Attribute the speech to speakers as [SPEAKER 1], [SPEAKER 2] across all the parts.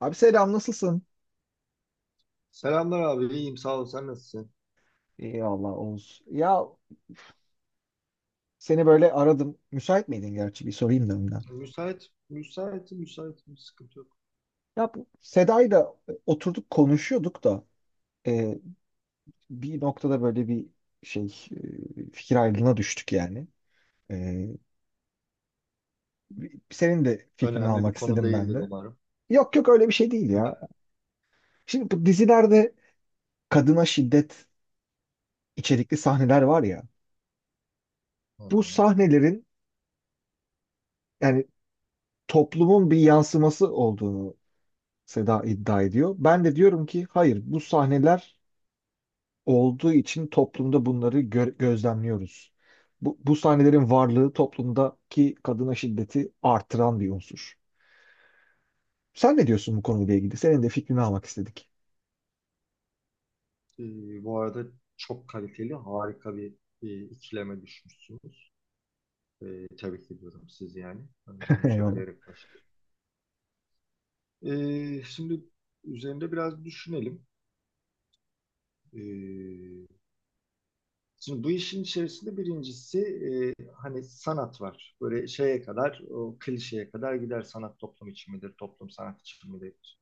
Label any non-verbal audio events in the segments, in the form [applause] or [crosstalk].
[SPEAKER 1] Abi selam nasılsın?
[SPEAKER 2] Selamlar abi, iyiyim sağ ol. Sen nasılsın?
[SPEAKER 1] İyi Allah Oğuz. Ya seni böyle aradım. Müsait miydin gerçi bir sorayım da önden.
[SPEAKER 2] Müsait, müsait, müsait bir sıkıntı yok.
[SPEAKER 1] Ya bu Seda'yla oturduk konuşuyorduk da e, bir noktada böyle bir şey, fikir ayrılığına düştük yani. E, Senin de fikrini
[SPEAKER 2] Önemli bir
[SPEAKER 1] almak
[SPEAKER 2] konu
[SPEAKER 1] istedim ben
[SPEAKER 2] değildir
[SPEAKER 1] de.
[SPEAKER 2] umarım.
[SPEAKER 1] Yok yok öyle bir şey değil
[SPEAKER 2] Öne-
[SPEAKER 1] ya. Şimdi bu dizilerde kadına şiddet içerikli sahneler var ya.
[SPEAKER 2] Hı
[SPEAKER 1] Bu
[SPEAKER 2] hı.
[SPEAKER 1] sahnelerin yani toplumun bir yansıması olduğunu Seda iddia ediyor. Ben de diyorum ki hayır, bu sahneler olduğu için toplumda bunları gözlemliyoruz. Bu sahnelerin varlığı toplumdaki kadına şiddeti artıran bir unsur. Sen ne diyorsun bu konuyla ilgili? Senin de fikrini almak istedik.
[SPEAKER 2] Bu arada çok kaliteli, harika bir ikileme düşmüşsünüz. Tebrik ediyorum sizi yani. Önce
[SPEAKER 1] [laughs]
[SPEAKER 2] onu
[SPEAKER 1] Eyvallah.
[SPEAKER 2] söyleyerek başlayayım. Şimdi üzerinde biraz düşünelim. Ee, Şimdi bu işin içerisinde birincisi hani sanat var. Böyle şeye kadar, o klişeye kadar gider, sanat toplum için midir, toplum sanat için midir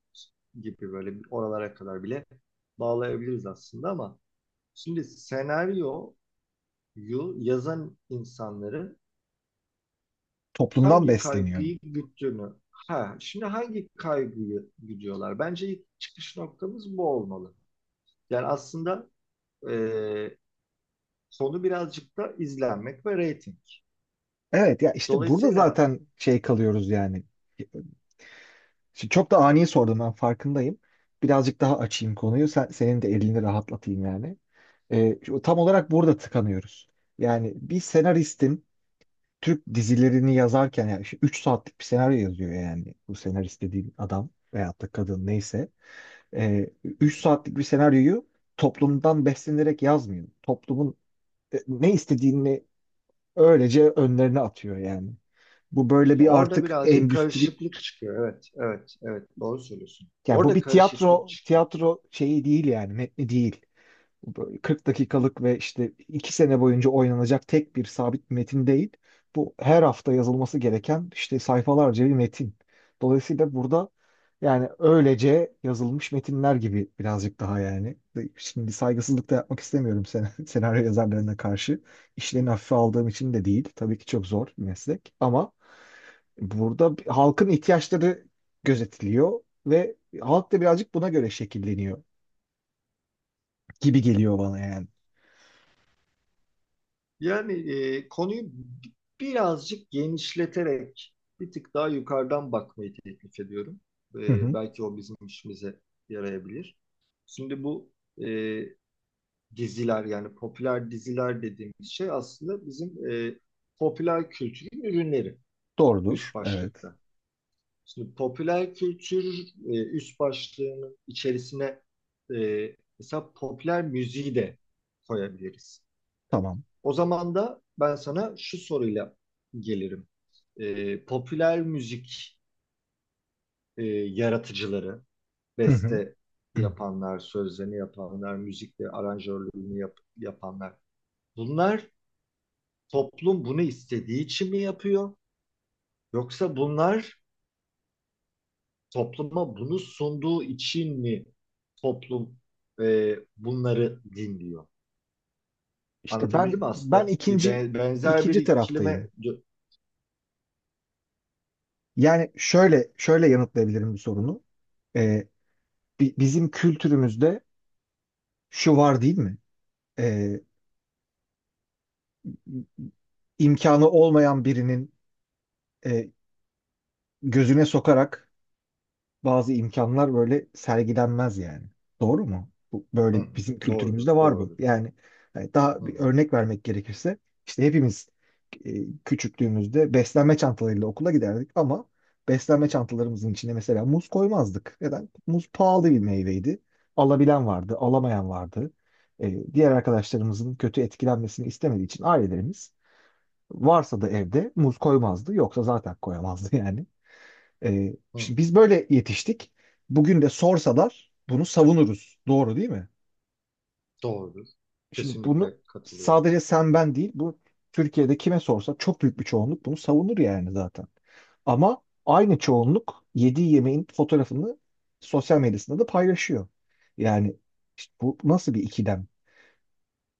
[SPEAKER 2] gibi böyle oralara kadar bile bağlayabiliriz aslında, ama şimdi senaryoyu yazan insanların
[SPEAKER 1] Toplumdan
[SPEAKER 2] hangi
[SPEAKER 1] besleniyorum.
[SPEAKER 2] kaygıyı güttüğünü, ha, şimdi hangi kaygıyı güdüyorlar? Bence ilk çıkış noktamız bu olmalı. Yani aslında e, konu birazcık da izlenmek ve reyting.
[SPEAKER 1] Evet ya, işte burada
[SPEAKER 2] Dolayısıyla
[SPEAKER 1] zaten şey kalıyoruz yani. Şimdi çok da ani sordum, ben farkındayım. Birazcık daha açayım konuyu. Senin de elini rahatlatayım yani. Tam olarak burada tıkanıyoruz. Yani bir senaristin Türk dizilerini yazarken, yani işte 3 saatlik bir senaryo yazıyor yani, bu senarist dediğin adam veyahut da kadın neyse. 3 saatlik bir senaryoyu toplumdan beslenerek yazmıyor. Toplumun ne istediğini öylece önlerine atıyor yani. Bu böyle
[SPEAKER 2] işte
[SPEAKER 1] bir
[SPEAKER 2] orada
[SPEAKER 1] artık
[SPEAKER 2] birazcık
[SPEAKER 1] endüstri
[SPEAKER 2] karışıklık çıkıyor. Evet, evet, evet. Doğru söylüyorsun.
[SPEAKER 1] yani, bu
[SPEAKER 2] Orada
[SPEAKER 1] bir
[SPEAKER 2] karışıklık
[SPEAKER 1] tiyatro
[SPEAKER 2] çıkıyor.
[SPEAKER 1] tiyatro şeyi değil yani, metni değil. Böyle 40 dakikalık ve işte 2 sene boyunca oynanacak tek bir sabit bir metin değil. Bu her hafta yazılması gereken işte sayfalarca bir metin. Dolayısıyla burada yani öylece yazılmış metinler gibi birazcık daha yani. Şimdi saygısızlık da yapmak istemiyorum sen [laughs] senaryo yazarlarına karşı. İşlerini hafife aldığım için de değil. Tabii ki çok zor bir meslek ama burada halkın ihtiyaçları gözetiliyor ve halk da birazcık buna göre şekilleniyor gibi geliyor bana yani.
[SPEAKER 2] Yani konuyu birazcık genişleterek bir tık daha yukarıdan bakmayı teklif ediyorum.
[SPEAKER 1] [laughs]
[SPEAKER 2] Belki o bizim işimize yarayabilir. Şimdi bu e, diziler, yani popüler diziler dediğimiz şey aslında bizim popüler kültürün ürünleri üst
[SPEAKER 1] Doğrudur. Evet.
[SPEAKER 2] başlıkta. Şimdi popüler kültür üst başlığının içerisine e, mesela popüler müziği de koyabiliriz.
[SPEAKER 1] Tamam.
[SPEAKER 2] O zaman da ben sana şu soruyla gelirim. Popüler müzik yaratıcıları,
[SPEAKER 1] Hı hı.
[SPEAKER 2] beste yapanlar, sözlerini yapanlar, müzikle aranjörlüğünü yapanlar. Bunlar toplum bunu istediği için mi yapıyor? Yoksa bunlar topluma bunu sunduğu için mi toplum bunları dinliyor?
[SPEAKER 1] İşte
[SPEAKER 2] Anlatabildim
[SPEAKER 1] ben
[SPEAKER 2] mi
[SPEAKER 1] ben
[SPEAKER 2] aslında? Bir
[SPEAKER 1] ikinci
[SPEAKER 2] benzer bir
[SPEAKER 1] ikinci
[SPEAKER 2] ikilime.
[SPEAKER 1] taraftayım. Yani şöyle şöyle yanıtlayabilirim bu sorunu. Ee, bizim kültürümüzde şu var değil mi? Ee, imkanı olmayan birinin, e, gözüne sokarak bazı imkanlar böyle sergilenmez yani. Doğru mu? Bu,
[SPEAKER 2] Hı
[SPEAKER 1] böyle
[SPEAKER 2] hı,
[SPEAKER 1] bizim
[SPEAKER 2] doğrudur,
[SPEAKER 1] kültürümüzde var bu.
[SPEAKER 2] doğrudur.
[SPEAKER 1] Yani hani
[SPEAKER 2] Hı
[SPEAKER 1] daha
[SPEAKER 2] hı,
[SPEAKER 1] bir örnek vermek gerekirse, işte hepimiz, e, küçüklüğümüzde beslenme çantalarıyla okula giderdik ama beslenme çantalarımızın içine mesela muz koymazdık. Neden? Muz pahalı bir meyveydi. Alabilen vardı, alamayan vardı. E, diğer arkadaşlarımızın kötü etkilenmesini istemediği için ailelerimiz varsa da evde muz koymazdı, yoksa zaten koyamazdı [laughs] yani.
[SPEAKER 2] hı hı,
[SPEAKER 1] Şimdi biz böyle yetiştik. Bugün de sorsalar bunu savunuruz. Doğru değil mi?
[SPEAKER 2] doğrudur.
[SPEAKER 1] Şimdi bunu
[SPEAKER 2] Kesinlikle katılıyorum.
[SPEAKER 1] sadece sen ben değil, bu Türkiye'de kime sorsa çok büyük bir çoğunluk bunu savunur yani zaten. Ama aynı çoğunluk yediği yemeğin fotoğrafını sosyal medyasında da paylaşıyor. Yani işte bu nasıl bir ikilem?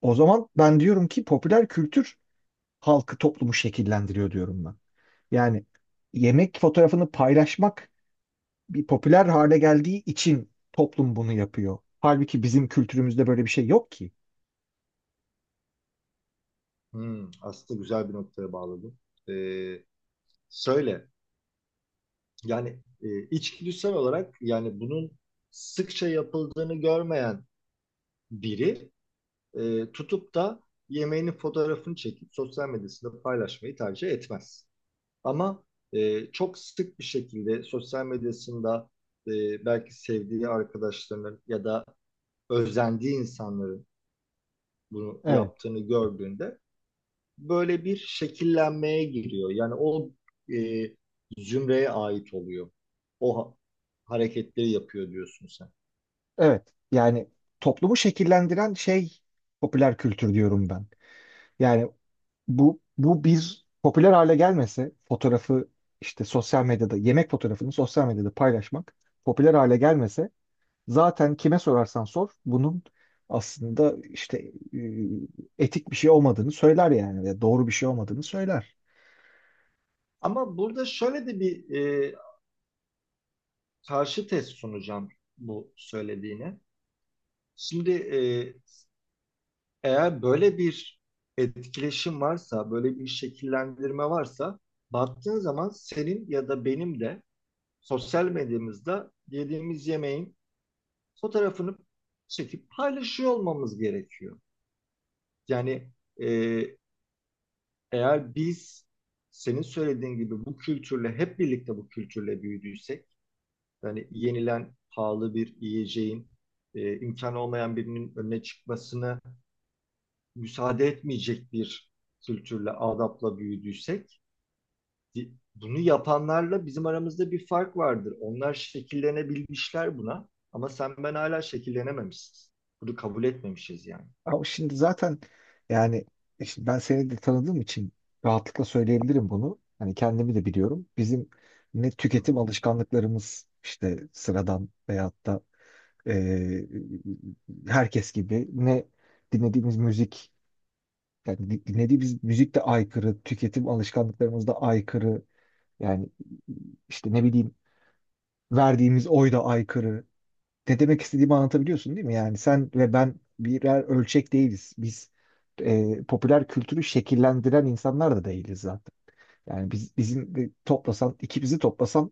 [SPEAKER 1] O zaman ben diyorum ki popüler kültür halkı toplumu şekillendiriyor diyorum ben. Yani yemek fotoğrafını paylaşmak bir popüler hale geldiği için toplum bunu yapıyor. Halbuki bizim kültürümüzde böyle bir şey yok ki.
[SPEAKER 2] Hı, aslında güzel bir noktaya bağladım. E, söyle, yani içgüdüsel olarak, yani bunun sıkça yapıldığını görmeyen biri tutup da yemeğinin fotoğrafını çekip sosyal medyasında paylaşmayı tercih etmez. Ama çok sık bir şekilde sosyal medyasında belki sevdiği arkadaşlarının ya da özendiği insanların bunu
[SPEAKER 1] Evet,
[SPEAKER 2] yaptığını gördüğünde böyle bir şekillenmeye giriyor. Yani o e, zümreye ait oluyor. O hareketleri yapıyor diyorsun sen.
[SPEAKER 1] evet. Yani toplumu şekillendiren şey popüler kültür diyorum ben. Yani bu bir popüler hale gelmese fotoğrafı, işte sosyal medyada yemek fotoğrafını sosyal medyada paylaşmak popüler hale gelmese zaten kime sorarsan sor bunun aslında işte etik bir şey olmadığını söyler yani ve doğru bir şey olmadığını söyler.
[SPEAKER 2] Ama burada şöyle de bir e, karşı test sunacağım bu söylediğine. Şimdi eğer böyle bir etkileşim varsa, böyle bir şekillendirme varsa, baktığın zaman senin ya da benim de sosyal medyamızda yediğimiz yemeğin fotoğrafını çekip paylaşıyor olmamız gerekiyor. Yani e, eğer biz senin söylediğin gibi bu kültürle hep birlikte, bu kültürle büyüdüysek, yani yenilen pahalı bir yiyeceğin imkanı olmayan birinin önüne çıkmasını müsaade etmeyecek bir kültürle, adapla büyüdüysek, bunu yapanlarla bizim aramızda bir fark vardır. Onlar şekillenebilmişler buna, ama sen ben hala şekillenememişiz. Bunu kabul etmemişiz yani.
[SPEAKER 1] Ama şimdi zaten yani işte ben seni de tanıdığım için rahatlıkla söyleyebilirim bunu. Hani kendimi de biliyorum. Bizim ne
[SPEAKER 2] Hı hı.
[SPEAKER 1] tüketim alışkanlıklarımız işte sıradan veyahut da eee, herkes gibi, ne dinlediğimiz müzik, yani dinlediğimiz müzik de aykırı, tüketim alışkanlıklarımız da aykırı. Yani işte ne bileyim, verdiğimiz oy da aykırı, ne demek istediğimi anlatabiliyorsun değil mi? Yani sen ve ben birer ölçek değiliz. Biz, popüler kültürü şekillendiren insanlar da değiliz zaten. Yani biz bizim de toplasan, ikimizi toplasan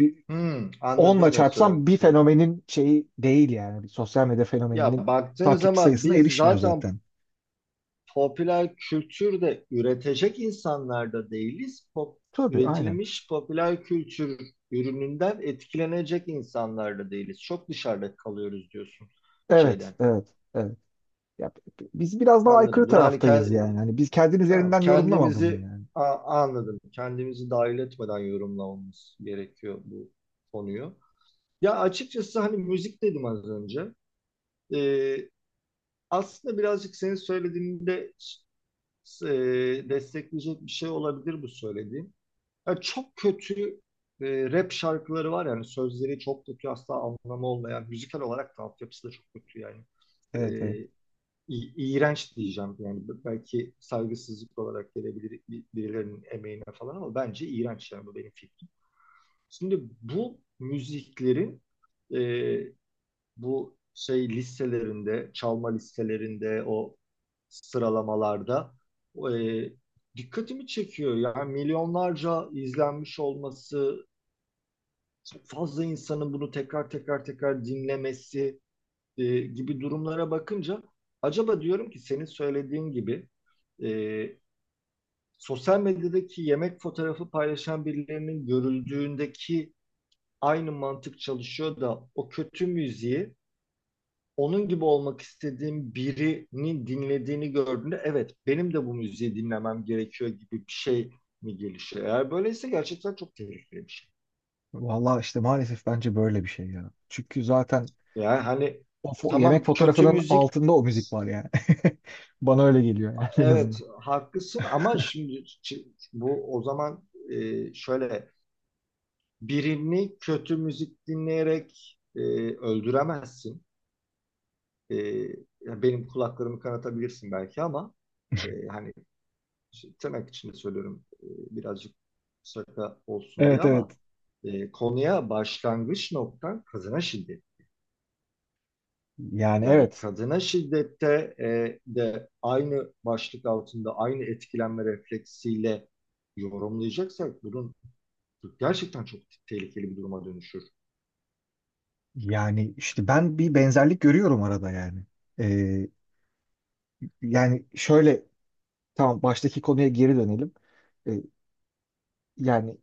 [SPEAKER 1] bir
[SPEAKER 2] Hmm,
[SPEAKER 1] onla
[SPEAKER 2] anladım ne söylemek
[SPEAKER 1] çarpsan bir
[SPEAKER 2] istediğini.
[SPEAKER 1] fenomenin şeyi değil yani. Bir sosyal medya fenomeninin
[SPEAKER 2] Ya baktığın
[SPEAKER 1] takipçi
[SPEAKER 2] zaman
[SPEAKER 1] sayısına
[SPEAKER 2] biz
[SPEAKER 1] erişmiyor
[SPEAKER 2] zaten
[SPEAKER 1] zaten.
[SPEAKER 2] popüler kültür de üretecek insanlar da değiliz.
[SPEAKER 1] Tabii aynen.
[SPEAKER 2] Üretilmiş popüler kültür ürününden etkilenecek insanlar da değiliz. Çok dışarıda kalıyoruz diyorsun
[SPEAKER 1] Evet,
[SPEAKER 2] şeyden.
[SPEAKER 1] evet, evet. Ya, biz biraz daha aykırı
[SPEAKER 2] Anladım. Bunu hani
[SPEAKER 1] taraftayız yani. Hani biz kendin
[SPEAKER 2] tamam,
[SPEAKER 1] üzerinden yorumlama bunu
[SPEAKER 2] kendimizi
[SPEAKER 1] yani.
[SPEAKER 2] a- anladım. Kendimizi dahil etmeden yorumlamamız gerekiyor bu konuyu. Ya açıkçası hani müzik dedim az önce. Ee, aslında birazcık senin söylediğinde e, destekleyecek bir şey olabilir bu söylediğim. Ya çok kötü rap şarkıları var, yani sözleri çok kötü, asla anlamı olmayan, müzikal olarak da altyapısı da çok kötü yani. E,
[SPEAKER 1] Evet, evet.
[SPEAKER 2] iğrenç diyeceğim, yani belki saygısızlık olarak gelebilir birilerinin emeğine falan, ama bence iğrenç yani, bu benim fikrim. Şimdi bu müziklerin e, bu şey listelerinde, çalma listelerinde, o sıralamalarda e, dikkatimi çekiyor. Yani milyonlarca izlenmiş olması, çok fazla insanın bunu tekrar tekrar tekrar dinlemesi gibi durumlara bakınca acaba diyorum ki, senin söylediğin gibi e, sosyal medyadaki yemek fotoğrafı paylaşan birilerinin görüldüğündeki aynı mantık çalışıyor da, o kötü müziği, onun gibi olmak istediğim birinin dinlediğini gördüğünde, evet, benim de bu müziği dinlemem gerekiyor gibi bir şey mi gelişiyor? Eğer böyleyse gerçekten çok tehlikeli bir şey.
[SPEAKER 1] Vallahi işte maalesef bence böyle bir şey ya. Çünkü zaten
[SPEAKER 2] Yani hani
[SPEAKER 1] o yemek
[SPEAKER 2] tamam, kötü
[SPEAKER 1] fotoğrafının
[SPEAKER 2] müzik,
[SPEAKER 1] altında o müzik var yani. [laughs] Bana öyle geliyor yani en
[SPEAKER 2] evet
[SPEAKER 1] azından.
[SPEAKER 2] haklısın, ama şimdi bu o zaman şöyle, birini kötü müzik dinleyerek öldüremezsin. E, ya benim kulaklarımı kanatabilirsin belki, ama hani tırnak içinde söylüyorum, birazcık şaka olsun diye,
[SPEAKER 1] Evet evet.
[SPEAKER 2] ama konuya başlangıç noktan kadına şiddet.
[SPEAKER 1] Yani
[SPEAKER 2] Yani
[SPEAKER 1] evet.
[SPEAKER 2] kadına şiddette de aynı başlık altında, aynı etkilenme refleksiyle yorumlayacaksak, bunun gerçekten çok tehlikeli bir duruma dönüşür.
[SPEAKER 1] Yani işte ben bir benzerlik görüyorum arada yani. Ee, yani şöyle tamam, baştaki konuya geri dönelim. Ee, yani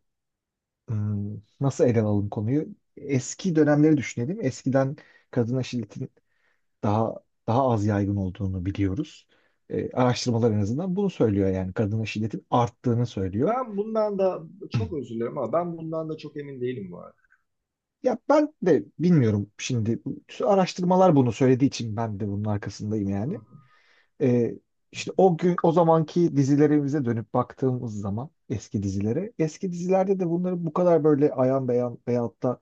[SPEAKER 1] hmm, nasıl ele alalım konuyu? Eski dönemleri düşünelim. Eskiden kadına şiddetin daha az yaygın olduğunu biliyoruz. Araştırmalar en azından bunu söylüyor yani. Kadına şiddetin arttığını söylüyor.
[SPEAKER 2] Ben bundan da çok özür dilerim, ama ben bundan da çok emin değilim bu arada.
[SPEAKER 1] Ya ben de bilmiyorum şimdi, araştırmalar bunu söylediği için ben de bunun arkasındayım
[SPEAKER 2] Hı
[SPEAKER 1] yani.
[SPEAKER 2] hı,
[SPEAKER 1] Ee, işte o gün o zamanki dizilerimize dönüp baktığımız zaman eski dizilere, eski dizilerde de bunları bu kadar böyle ayan beyan veyahut da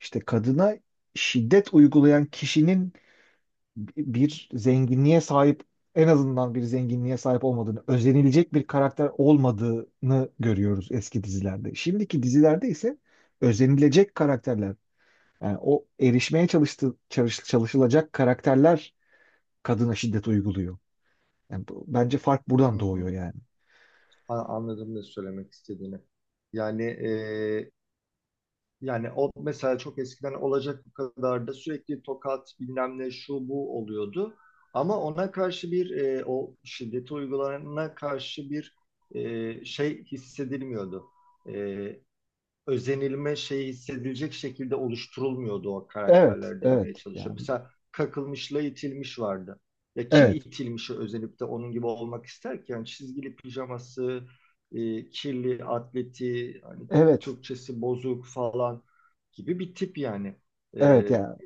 [SPEAKER 1] işte kadına şiddet uygulayan kişinin bir zenginliğe sahip, en azından bir zenginliğe sahip olmadığını, özenilecek bir karakter olmadığını görüyoruz eski dizilerde. Şimdiki dizilerde ise özenilecek karakterler, yani o erişmeye çalışılacak karakterler kadına şiddet uyguluyor. Yani bence fark
[SPEAKER 2] hı
[SPEAKER 1] buradan
[SPEAKER 2] hı.
[SPEAKER 1] doğuyor yani.
[SPEAKER 2] Anladım ne söylemek istediğini. Yani e, Yani o, mesela çok eskiden olacak, bu kadar da sürekli tokat, bilmem ne, şu bu oluyordu. Ama ona karşı bir, o şiddeti uygulanana karşı bir şey hissedilmiyordu. E, özenilme şeyi hissedilecek şekilde oluşturulmuyordu o
[SPEAKER 1] Evet,
[SPEAKER 2] karakterler
[SPEAKER 1] evet.
[SPEAKER 2] demeye çalışıyor.
[SPEAKER 1] Yani
[SPEAKER 2] Mesela kakılmışla itilmiş vardı. Ya kim
[SPEAKER 1] evet,
[SPEAKER 2] itilmişi özenip de onun gibi olmak ister ki? Yani çizgili pijaması, kirli atleti, hani
[SPEAKER 1] evet,
[SPEAKER 2] Türkçesi bozuk falan gibi bir tip yani.
[SPEAKER 1] evet
[SPEAKER 2] E,
[SPEAKER 1] yani.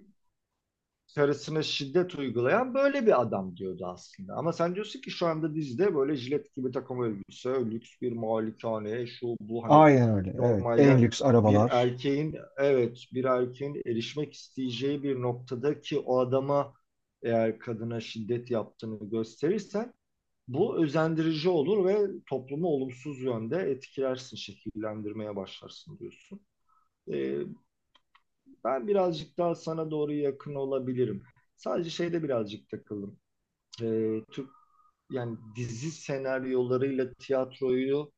[SPEAKER 2] karısına şiddet uygulayan böyle bir adam diyordu aslında. Ama sen diyorsun ki, şu anda dizide böyle jilet gibi takım elbise, lüks bir malikane, şu bu, hani
[SPEAKER 1] Aynen öyle. Evet. En
[SPEAKER 2] normalde
[SPEAKER 1] lüks
[SPEAKER 2] bir
[SPEAKER 1] arabalar.
[SPEAKER 2] erkeğin, evet bir erkeğin erişmek isteyeceği bir noktadaki o adama eğer kadına şiddet yaptığını gösterirsen, bu özendirici olur ve toplumu olumsuz yönde etkilersin, şekillendirmeye başlarsın diyorsun. Ee, ben birazcık daha sana doğru yakın olabilirim. Sadece şeyde birazcık takıldım. Türk, yani dizi senaryolarıyla tiyatroyu,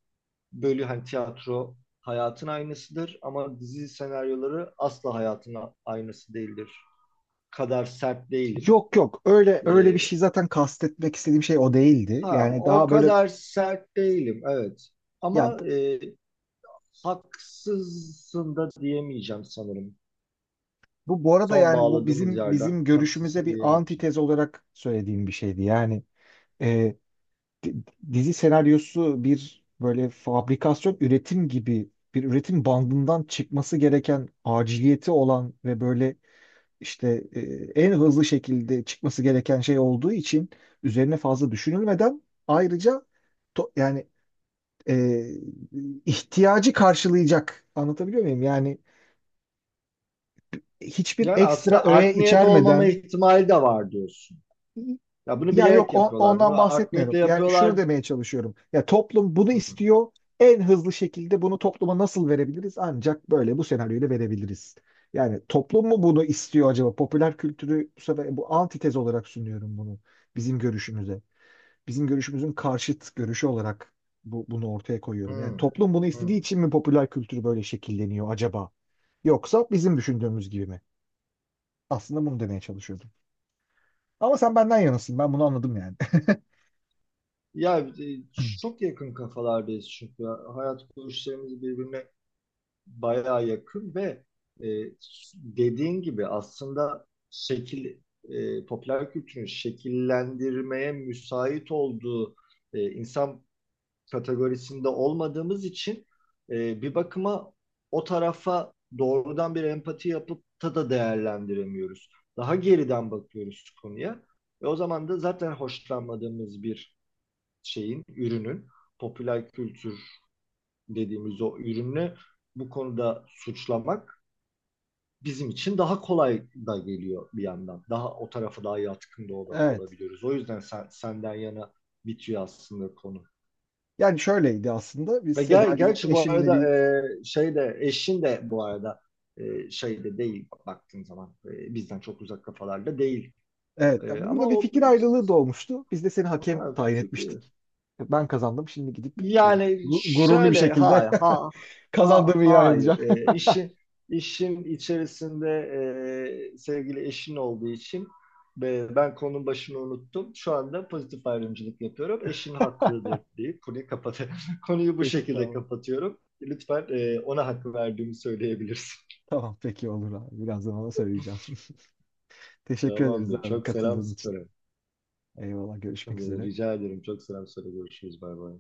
[SPEAKER 2] bölü, hani tiyatro hayatın aynısıdır ama dizi senaryoları asla hayatın aynısı değildir. Kadar sert değilim.
[SPEAKER 1] Yok yok. Öyle öyle bir
[SPEAKER 2] Ee,
[SPEAKER 1] şey zaten, kastetmek istediğim şey o değildi.
[SPEAKER 2] ha,
[SPEAKER 1] Yani
[SPEAKER 2] o
[SPEAKER 1] daha böyle
[SPEAKER 2] kadar sert değilim evet.
[SPEAKER 1] yani.
[SPEAKER 2] Ama haksızsın da diyemeyeceğim sanırım.
[SPEAKER 1] Bu arada
[SPEAKER 2] Son
[SPEAKER 1] yani bu
[SPEAKER 2] bağladığımız
[SPEAKER 1] bizim
[SPEAKER 2] yerden
[SPEAKER 1] bizim görüşümüze
[SPEAKER 2] haksızsın
[SPEAKER 1] bir
[SPEAKER 2] diyemeyeceğim.
[SPEAKER 1] antitez olarak söylediğim bir şeydi. Yani e, di- dizi senaryosu bir böyle fabrikasyon üretim gibi bir üretim bandından çıkması gereken, aciliyeti olan ve böyle işte en hızlı şekilde çıkması gereken şey olduğu için üzerine fazla düşünülmeden, ayrıca yani e, ihtiyacı karşılayacak, anlatabiliyor muyum? Yani hiçbir
[SPEAKER 2] Yani
[SPEAKER 1] ekstra
[SPEAKER 2] aslında
[SPEAKER 1] öğe
[SPEAKER 2] art niyet olmama
[SPEAKER 1] içermeden.
[SPEAKER 2] ihtimali de var diyorsun. Ya bunu
[SPEAKER 1] Yani yok,
[SPEAKER 2] bilerek yapıyorlar.
[SPEAKER 1] ondan
[SPEAKER 2] Bunu art
[SPEAKER 1] bahsetmiyorum.
[SPEAKER 2] niyetle
[SPEAKER 1] Yani şunu
[SPEAKER 2] yapıyorlar.
[SPEAKER 1] demeye çalışıyorum. Ya toplum bunu
[SPEAKER 2] Hı,
[SPEAKER 1] istiyor. En hızlı şekilde bunu topluma nasıl verebiliriz? Ancak böyle bu senaryoyla verebiliriz. Yani toplum mu bunu istiyor acaba? Popüler kültürü bu sefer bu antitez olarak sunuyorum bunu bizim görüşümüze. Bizim görüşümüzün karşıt görüşü olarak bunu ortaya koyuyorum. Yani
[SPEAKER 2] hı,
[SPEAKER 1] toplum bunu istediği
[SPEAKER 2] hı.
[SPEAKER 1] için mi popüler kültür böyle şekilleniyor acaba? Yoksa bizim düşündüğümüz gibi mi? Aslında bunu demeye çalışıyordum. Ama sen benden yanasın. Ben bunu anladım yani. [laughs]
[SPEAKER 2] Ya çok yakın kafalardayız çünkü. Hayat görüşlerimiz birbirine bayağı yakın ve e, dediğin gibi aslında popüler kültürün şekillendirmeye müsait olduğu insan kategorisinde olmadığımız için bir bakıma o tarafa doğrudan bir empati yapıp da değerlendiremiyoruz. Daha geriden bakıyoruz konuya. Ve o zaman da zaten hoşlanmadığımız bir şeyin, ürünün, popüler kültür dediğimiz o ürünü bu konuda suçlamak bizim için daha kolay da geliyor bir yandan. Daha o tarafa daha yatkın da
[SPEAKER 1] Evet.
[SPEAKER 2] olabiliyoruz. O yüzden senden yana bitiyor aslında konu.
[SPEAKER 1] Yani şöyleydi aslında. Biz
[SPEAKER 2] Ve ger
[SPEAKER 1] Seda'yla
[SPEAKER 2] gerçi bu
[SPEAKER 1] eşimle
[SPEAKER 2] arada
[SPEAKER 1] bir,
[SPEAKER 2] şey de, eşin de bu arada şey de değil, baktığın zaman bizden çok uzak kafalarda değil.
[SPEAKER 1] evet,
[SPEAKER 2] Ama
[SPEAKER 1] burada bir
[SPEAKER 2] o,
[SPEAKER 1] fikir ayrılığı doğmuştu. Biz de seni hakem
[SPEAKER 2] ha,
[SPEAKER 1] tayin
[SPEAKER 2] fikir.
[SPEAKER 1] etmiştik. Ben kazandım. Şimdi gidip
[SPEAKER 2] Yani
[SPEAKER 1] gururlu bir
[SPEAKER 2] şöyle,
[SPEAKER 1] şekilde
[SPEAKER 2] hayır,
[SPEAKER 1] [laughs]
[SPEAKER 2] ha
[SPEAKER 1] kazandığımı ilan
[SPEAKER 2] hayır.
[SPEAKER 1] edeceğim.
[SPEAKER 2] İşin içerisinde sevgili eşin olduğu için ben konunun başını unuttum. Şu anda pozitif ayrımcılık yapıyorum. Eşin
[SPEAKER 1] [laughs]
[SPEAKER 2] haklıdır deyip konuyu kapat [laughs] konuyu bu
[SPEAKER 1] Peki
[SPEAKER 2] şekilde
[SPEAKER 1] tamam.
[SPEAKER 2] kapatıyorum. Lütfen ona hakkı verdiğimi söyleyebilirsin.
[SPEAKER 1] Tamam peki olur abi. Birazdan ona söyleyeceğim. [laughs]
[SPEAKER 2] [laughs]
[SPEAKER 1] Teşekkür ederiz
[SPEAKER 2] Tamamdır.
[SPEAKER 1] abi
[SPEAKER 2] Çok selam
[SPEAKER 1] katıldığın için.
[SPEAKER 2] söyle.
[SPEAKER 1] Eyvallah, görüşmek üzere.
[SPEAKER 2] Rica ederim. Çok selam söyle. Görüşürüz. Bay bay.